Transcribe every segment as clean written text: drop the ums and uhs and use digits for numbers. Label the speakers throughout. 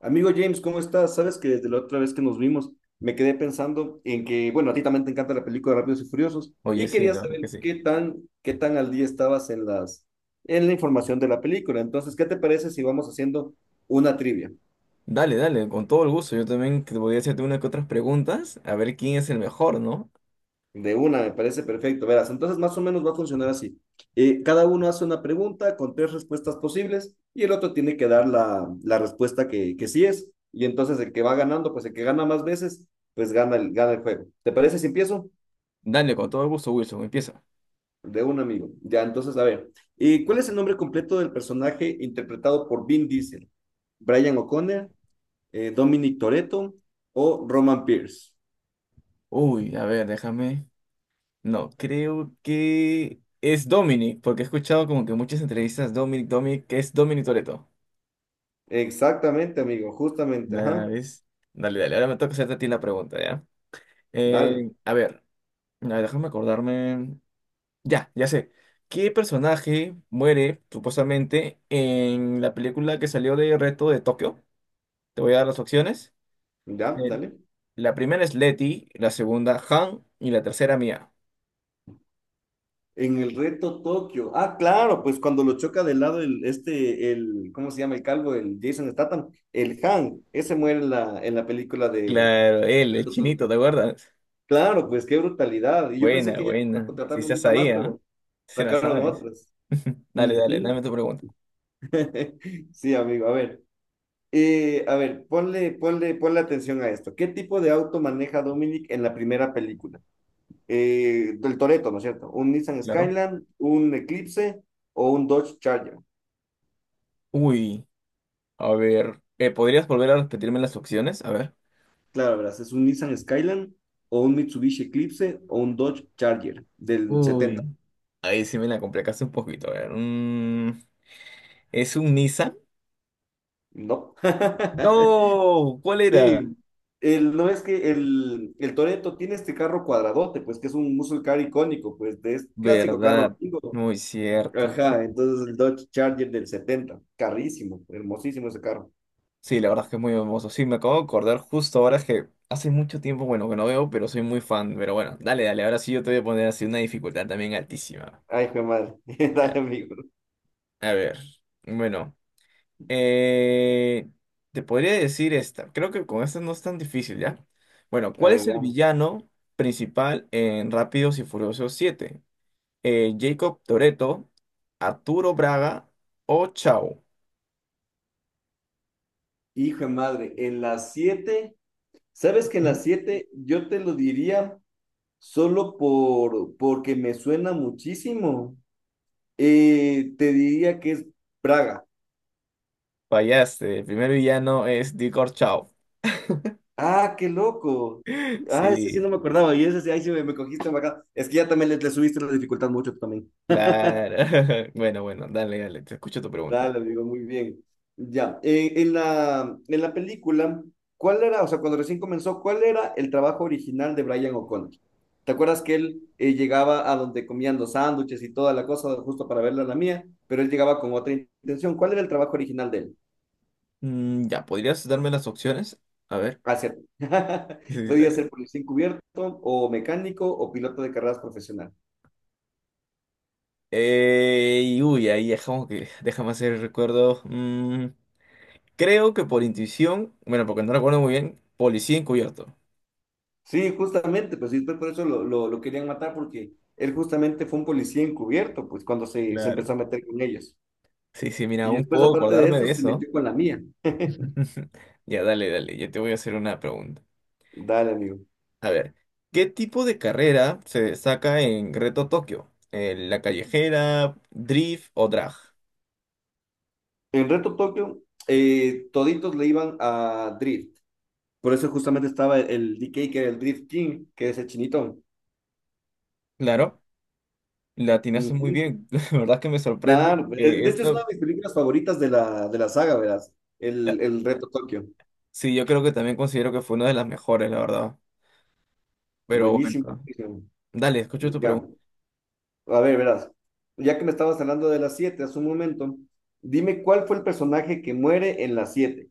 Speaker 1: Amigo James, ¿cómo estás? Sabes que desde la otra vez que nos vimos me quedé pensando en que, bueno, a ti también te encanta la película de Rápidos y Furiosos
Speaker 2: Oye,
Speaker 1: y
Speaker 2: sí,
Speaker 1: quería
Speaker 2: la verdad es que
Speaker 1: saber
Speaker 2: sí.
Speaker 1: qué tan al día estabas en la información de la película. Entonces, ¿qué te parece si vamos haciendo una trivia?
Speaker 2: Dale, dale, con todo el gusto. Yo también te voy a hacerte una que otras preguntas, a ver quién es el mejor, ¿no?
Speaker 1: De una, me parece perfecto. Verás, entonces más o menos va a funcionar así. Cada uno hace una pregunta con tres respuestas posibles y el otro tiene que dar la respuesta que sí es. Y entonces el que va ganando, pues el que gana más veces, pues gana gana el juego. ¿Te parece si empiezo?
Speaker 2: Dale, con todo el gusto, Wilson, empieza.
Speaker 1: De un amigo. Ya, entonces, a ver. ¿Y cuál es el nombre completo del personaje interpretado por Vin Diesel? ¿Brian O'Connor, Dominic Toretto o Roman Pierce?
Speaker 2: Uy, a ver, déjame. No, creo que es Dominic, porque he escuchado como que muchas entrevistas, Dominic, Dominic, que es Dominic Toretto.
Speaker 1: Exactamente, amigo, justamente,
Speaker 2: Nada,
Speaker 1: ajá.
Speaker 2: ¿ves? Dale, dale, ahora me toca hacerte a ti la pregunta, ¿ya?
Speaker 1: Dale,
Speaker 2: A ver, a ver, déjame acordarme. Ya, ya sé. ¿Qué personaje muere supuestamente en la película que salió de Reto de Tokio? Te voy a dar las opciones.
Speaker 1: ya,
Speaker 2: El-
Speaker 1: dale.
Speaker 2: la primera es Leti, la segunda Han y la tercera Mia.
Speaker 1: En el reto Tokio. Ah, claro, pues cuando lo choca de lado ¿cómo se llama el calvo? El Jason Statham, el Han, ese muere en en la película de
Speaker 2: Claro, él, el
Speaker 1: Reto
Speaker 2: chinito,
Speaker 1: Tokio.
Speaker 2: ¿te acuerdas?
Speaker 1: Claro, pues qué brutalidad. Y yo pensé
Speaker 2: Buena,
Speaker 1: que ya no iban a
Speaker 2: buena. Si
Speaker 1: contratarlo
Speaker 2: estás
Speaker 1: nunca más,
Speaker 2: ahí, ¿ah?
Speaker 1: pero
Speaker 2: Si la
Speaker 1: sacaron
Speaker 2: sabes.
Speaker 1: otras.
Speaker 2: Dale, dale, dame
Speaker 1: Ujú.
Speaker 2: tu pregunta.
Speaker 1: Sí, amigo. A ver, ponle atención a esto. ¿Qué tipo de auto maneja Dominic en la primera película? Del Toretto, ¿no es cierto? ¿Un Nissan
Speaker 2: Claro.
Speaker 1: Skyline, un Eclipse o un Dodge Charger?
Speaker 2: Uy, a ver. ¿Podrías volver a repetirme las opciones? A ver.
Speaker 1: Claro, verás, es un Nissan Skyline o un Mitsubishi Eclipse o un Dodge Charger del setenta.
Speaker 2: Uy. Ahí sí me la complicaste un poquito. A ver. ¿Es un Nissan?
Speaker 1: No.
Speaker 2: No, ¿cuál era?
Speaker 1: Sí, el, no es que el Toretto tiene este carro cuadradote, pues que es un muscle car icónico, pues de, es clásico carro
Speaker 2: ¿Verdad?
Speaker 1: gringo.
Speaker 2: Muy cierto.
Speaker 1: Ajá, entonces el Dodge Charger del 70, carrísimo, hermosísimo ese carro.
Speaker 2: Sí, la verdad es que es muy hermoso. Sí, me acabo de acordar justo ahora es que hace mucho tiempo, bueno, que no veo, pero soy muy fan. Pero bueno, dale, dale, ahora sí yo te voy a poner así una dificultad también altísima.
Speaker 1: Ay, hijo de madre,
Speaker 2: Ya.
Speaker 1: dale amigo.
Speaker 2: A ver, bueno, eh, te podría decir esta. Creo que con esta no es tan difícil, ¿ya? Bueno,
Speaker 1: A
Speaker 2: ¿cuál
Speaker 1: ver,
Speaker 2: es el
Speaker 1: veamos.
Speaker 2: villano principal en Rápidos y Furiosos 7? ¿Jacob Toretto, Arturo Braga o Chao?
Speaker 1: Hijo de madre, en las 7, ¿sabes que en
Speaker 2: ¿Mm?
Speaker 1: las 7 yo te lo diría solo porque me suena muchísimo? Te diría que es Praga.
Speaker 2: Fallaste, el primer villano es Dicor Chao.
Speaker 1: Ah, qué loco. Ah, ese sí
Speaker 2: Sí,
Speaker 1: no me acordaba. Y ese sí, ahí sí me cogiste acá. Es que ya también le subiste la dificultad mucho tú también.
Speaker 2: claro. Bueno, bueno, dale, dale, te escucho tu pregunta.
Speaker 1: Dale, amigo, muy bien. Ya, en en la película, ¿cuál era, o sea, cuando recién comenzó, cuál era el trabajo original de Brian O'Connor? ¿Te acuerdas que él llegaba a donde comían los sándwiches y toda la cosa, justo para verla la mía, pero él llegaba con otra intención? ¿Cuál era el trabajo original de él?
Speaker 2: Ya, ¿podrías darme las opciones? A ver.
Speaker 1: Hacer.
Speaker 2: Sí, sí, dale.
Speaker 1: Podía ser
Speaker 2: Dale.
Speaker 1: policía encubierto, o mecánico, o piloto de carreras profesional.
Speaker 2: Ahí dejamos que, déjame hacer el recuerdo. Creo que por intuición, bueno, porque no recuerdo muy bien, policía encubierto.
Speaker 1: Sí, justamente, pues sí, por eso lo querían matar porque él justamente fue un policía encubierto, pues cuando se empezó a
Speaker 2: Claro.
Speaker 1: meter con ellos.
Speaker 2: Sí, sí, mira,
Speaker 1: Y
Speaker 2: aún
Speaker 1: después,
Speaker 2: puedo
Speaker 1: aparte de
Speaker 2: acordarme
Speaker 1: eso,
Speaker 2: de
Speaker 1: se
Speaker 2: eso.
Speaker 1: metió con la mía.
Speaker 2: Ya, dale, dale, yo te voy a hacer una pregunta.
Speaker 1: Dale, amigo.
Speaker 2: A ver, ¿qué tipo de carrera se destaca en Reto Tokio? ¿La callejera, drift o drag?
Speaker 1: En Reto Tokio, toditos le iban a Drift. Por eso justamente estaba el D K que era el Drift King, que es el chinitón.
Speaker 2: Claro. La atinaste muy
Speaker 1: Ujú.
Speaker 2: bien. La verdad es que me sorprende
Speaker 1: Claro,
Speaker 2: porque
Speaker 1: de hecho es una de mis películas favoritas de de la saga, verás.
Speaker 2: la-
Speaker 1: El Reto Tokio.
Speaker 2: sí, yo creo que también considero que fue una de las mejores, la verdad. Pero
Speaker 1: Buenísimo,
Speaker 2: bueno,
Speaker 1: buenísimo.
Speaker 2: dale, escucho tu
Speaker 1: Ya.
Speaker 2: pregunta.
Speaker 1: A ver, verás, ya que me estabas hablando de las siete hace un momento, dime cuál fue el personaje que muere en las siete.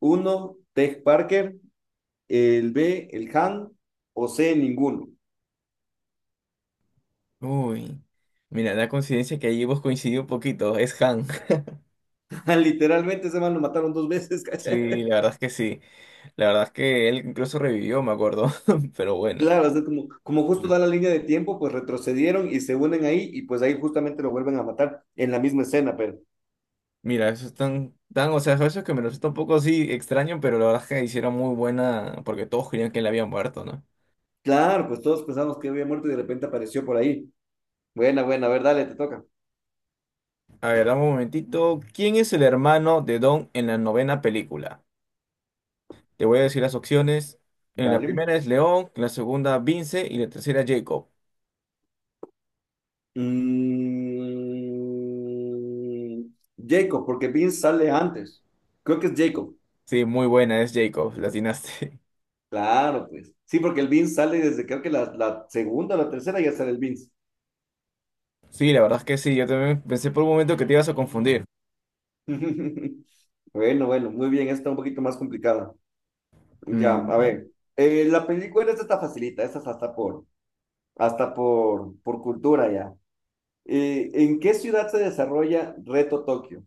Speaker 1: Uno, Tej Parker, el B, el Han, o C, ninguno.
Speaker 2: Uy, mira, la coincidencia que allí hemos coincidido un poquito, es Han.
Speaker 1: Literalmente ese man lo mataron dos veces,
Speaker 2: Sí,
Speaker 1: ¿cachai?
Speaker 2: la verdad es que sí. La verdad es que él incluso revivió, me acuerdo. Pero bueno,
Speaker 1: Claro, o sea, como justo
Speaker 2: Mm.
Speaker 1: da la línea de tiempo, pues retrocedieron y se unen ahí y pues ahí justamente lo vuelven a matar en la misma escena, pero
Speaker 2: mira, eso es tan, tan, o sea, eso es que me resulta un poco así extraño, pero la verdad es que hicieron muy buena, porque todos creían que él había muerto, ¿no?
Speaker 1: claro, pues todos pensamos que había muerto y de repente apareció por ahí. Buena, buena, a ver, dale, te toca.
Speaker 2: A ver, dame un momentito. ¿Quién es el hermano de Don en la 9.ª película? Te voy a decir las opciones. En la
Speaker 1: Dale.
Speaker 2: primera es León, en la segunda Vince y la tercera Jacob.
Speaker 1: Mm, Jacob, porque Vince sale antes. Creo que es Jacob.
Speaker 2: Sí, muy buena, es Jacob, la atinaste.
Speaker 1: Claro, pues. Sí, porque el Vince sale desde creo que la segunda o la tercera ya sale el Vince.
Speaker 2: Sí, la verdad es que sí, yo también pensé por un momento que te ibas a confundir.
Speaker 1: Bueno, bueno, muy bien. Esta un poquito más complicada. Ya, a
Speaker 2: Mm,
Speaker 1: ver. La película esta está facilita. Esta es hasta por cultura ya. ¿En qué ciudad se desarrolla Reto Tokio?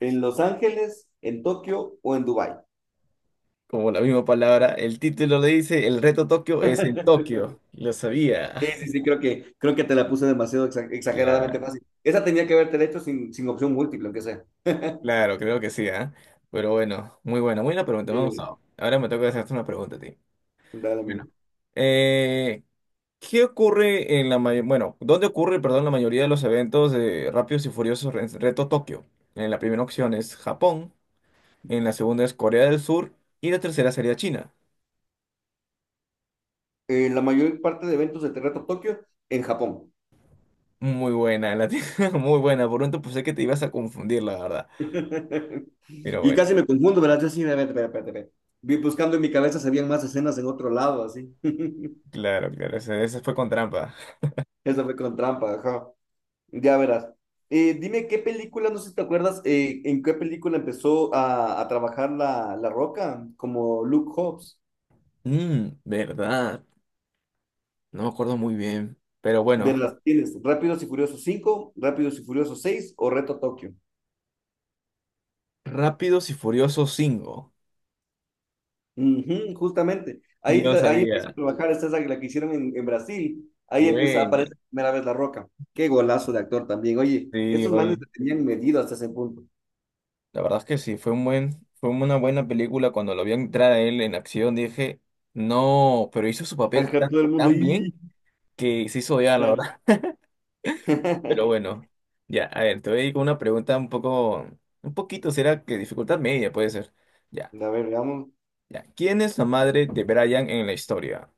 Speaker 1: ¿En Los Ángeles, en Tokio o en Dubái?
Speaker 2: como la misma palabra, el título le dice, el reto Tokio es en Tokio. Lo sabía.
Speaker 1: Sí, creo creo que te la puse demasiado exageradamente
Speaker 2: La-
Speaker 1: fácil. Esa tenía que haberte hecho sin opción múltiple, aunque sea.
Speaker 2: Claro, creo que sí, ¿ah? Pero bueno, muy buena pregunta, me ha
Speaker 1: Sí,
Speaker 2: gustado. Ahora me toca hacerte una pregunta a ti.
Speaker 1: dale, amigo.
Speaker 2: Bueno. Eh, ¿Qué ocurre en la mayor... Bueno, ¿dónde ocurre, perdón, la mayoría de los eventos de Rápidos y Furiosos Reto Tokio? En la primera opción es Japón, en la segunda es Corea del Sur y la tercera sería China.
Speaker 1: La mayor parte de eventos de Terremoto Tokio en Japón.
Speaker 2: Muy buena, muy buena. Por un pensé que te ibas a confundir, la verdad. Pero
Speaker 1: Y
Speaker 2: bueno,
Speaker 1: casi me confundo, ¿verdad? Yo sí, espérate. Vi buscando en mi cabeza si habían más escenas en otro lado, así.
Speaker 2: claro, claro, ese fue con trampa.
Speaker 1: Eso fue con trampa, ajá. Ya verás. Dime qué película, no sé si te acuerdas, en qué película empezó a trabajar la Roca, como Luke Hobbs.
Speaker 2: Mmm, verdad. No me acuerdo muy bien. Pero bueno,
Speaker 1: Verlas, tienes Rápidos y Furiosos cinco, Rápidos y Furiosos 6 o Reto Tokio.
Speaker 2: Rápidos y Furiosos 5.
Speaker 1: Ujú, justamente.
Speaker 2: Y
Speaker 1: Ahí,
Speaker 2: yo
Speaker 1: ahí empieza a
Speaker 2: sabía.
Speaker 1: trabajar, esta es la que hicieron en Brasil. Ahí empieza, aparece
Speaker 2: Bueno,
Speaker 1: por primera vez La Roca. Qué golazo de actor también. Oye,
Speaker 2: sí,
Speaker 1: estos
Speaker 2: oye.
Speaker 1: manes le tenían medido hasta ese punto.
Speaker 2: La verdad es que sí, fue un buen, fue una buena película. Cuando lo vi entrar a él en acción dije, no, pero hizo su papel
Speaker 1: Ajá,
Speaker 2: tan,
Speaker 1: todo el mundo
Speaker 2: tan
Speaker 1: ahí.
Speaker 2: bien que se hizo
Speaker 1: ¿Qué
Speaker 2: odiar, la
Speaker 1: tal?
Speaker 2: verdad. Pero bueno, ya, a ver, te voy a ir con una pregunta un poco, un poquito, será que dificultad media puede ser. Ya,
Speaker 1: A ver, veamos.
Speaker 2: ya. ¿Quién es la madre de Brian en la historia?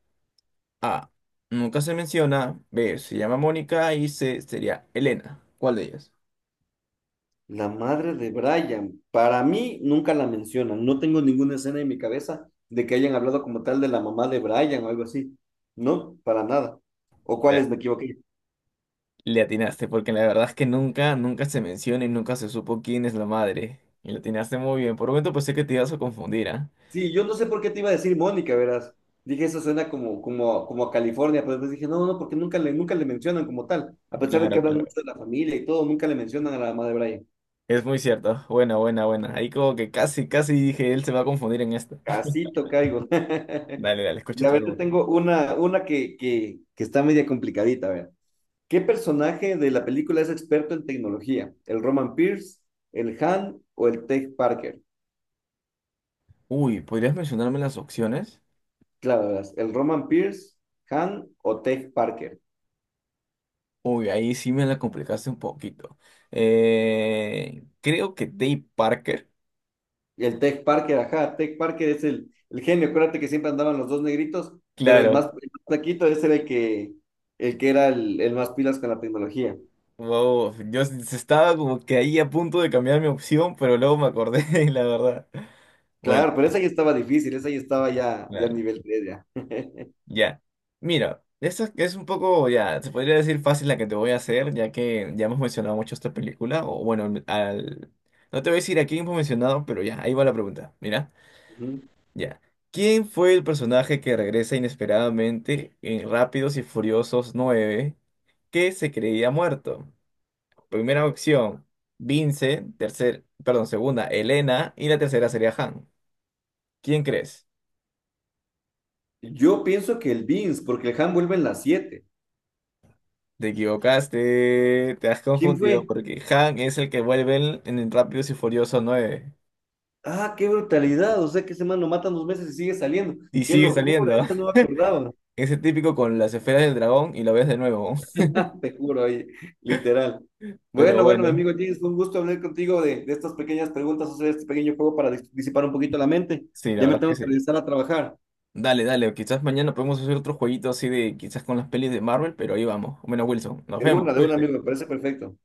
Speaker 2: A, nunca se menciona. B, se llama Mónica y C, sería Elena. ¿Cuál de ellas?
Speaker 1: La madre de Brian. Para mí, nunca la mencionan. No tengo ninguna escena en mi cabeza de que hayan hablado como tal de la mamá de Brian o algo así. No, para nada. ¿O cuáles me equivoqué?
Speaker 2: Le atinaste, porque la verdad es que nunca, nunca se menciona y nunca se supo quién es la madre. Y le atinaste muy bien. Por un momento pensé que te ibas a confundir, ¿ah?
Speaker 1: Sí, yo no sé por qué te iba a decir Mónica, verás. Dije, eso suena como, como a California, pero después dije, no, porque nunca le mencionan como tal. A pesar de que
Speaker 2: Claro,
Speaker 1: hablan
Speaker 2: claro.
Speaker 1: mucho de la familia y todo, nunca le mencionan a la mamá de Brian.
Speaker 2: Es muy cierto. Buena, buena, buena. Ahí como que casi, casi dije, él se va a confundir en esta.
Speaker 1: Casito caigo.
Speaker 2: Dale, dale,
Speaker 1: Y
Speaker 2: escucha
Speaker 1: a
Speaker 2: tu
Speaker 1: ver, te
Speaker 2: pregunta.
Speaker 1: tengo una que está media complicadita, a ver. ¿Qué personaje de la película es experto en tecnología? ¿El Roman Pierce, el Han o el Tech Parker?
Speaker 2: Uy, ¿podrías mencionarme las opciones?
Speaker 1: Claro, verás, el Roman Pierce, Han o Tech Parker.
Speaker 2: Uy, ahí sí me la complicaste un poquito. Creo que Dave Parker.
Speaker 1: Y el Tech Parker, ajá, Tech Parker es el genio. Acuérdate que siempre andaban los dos negritos, pero
Speaker 2: Claro.
Speaker 1: el más flaquito ese era el que era el más pilas con la tecnología.
Speaker 2: Wow, estaba como que ahí a punto de cambiar mi opción, pero luego me acordé, la verdad. Bueno.
Speaker 1: Claro, pero esa ya estaba difícil, esa ya estaba ya
Speaker 2: Claro.
Speaker 1: nivel 3 ya.
Speaker 2: Ya. Mira, esta es un poco, ya, se podría decir fácil la que te voy a hacer, ya que ya hemos mencionado mucho esta película, o bueno, al... no te voy a decir a quién hemos mencionado, pero ya, ahí va la pregunta. Mira,
Speaker 1: Ujú.
Speaker 2: ya. ¿Quién fue el personaje que regresa inesperadamente en Rápidos y Furiosos 9 que se creía muerto? Primera opción, Vince, tercer, perdón, segunda, Elena, y la tercera sería Han. ¿Quién crees?
Speaker 1: Yo pienso que el Vince porque el Han vuelve en las siete.
Speaker 2: Te equivocaste, te has
Speaker 1: ¿Quién
Speaker 2: confundido
Speaker 1: fue?
Speaker 2: porque Han es el que vuelve en el Rápidos y Furioso 9
Speaker 1: Ah, qué brutalidad, o sea que ese man lo matan dos meses y sigue saliendo.
Speaker 2: y
Speaker 1: Qué
Speaker 2: sigue
Speaker 1: locura,
Speaker 2: saliendo.
Speaker 1: esta no me acordaba.
Speaker 2: Ese típico con las esferas del dragón y lo ves de nuevo.
Speaker 1: Te juro, oye, literal.
Speaker 2: Pero
Speaker 1: Bueno, bueno, mi
Speaker 2: bueno,
Speaker 1: amigo James, fue un gusto hablar contigo de estas pequeñas preguntas, hacer este pequeño juego para disipar un poquito la mente.
Speaker 2: sí, la
Speaker 1: Ya me
Speaker 2: verdad es
Speaker 1: tengo
Speaker 2: que
Speaker 1: que
Speaker 2: sí.
Speaker 1: regresar a trabajar.
Speaker 2: Dale, dale, o quizás mañana podemos hacer otro jueguito así de quizás con las pelis de Marvel, pero ahí vamos. Bueno, Wilson, nos vemos.
Speaker 1: De una, amigo,
Speaker 2: Cuídate.
Speaker 1: me parece perfecto.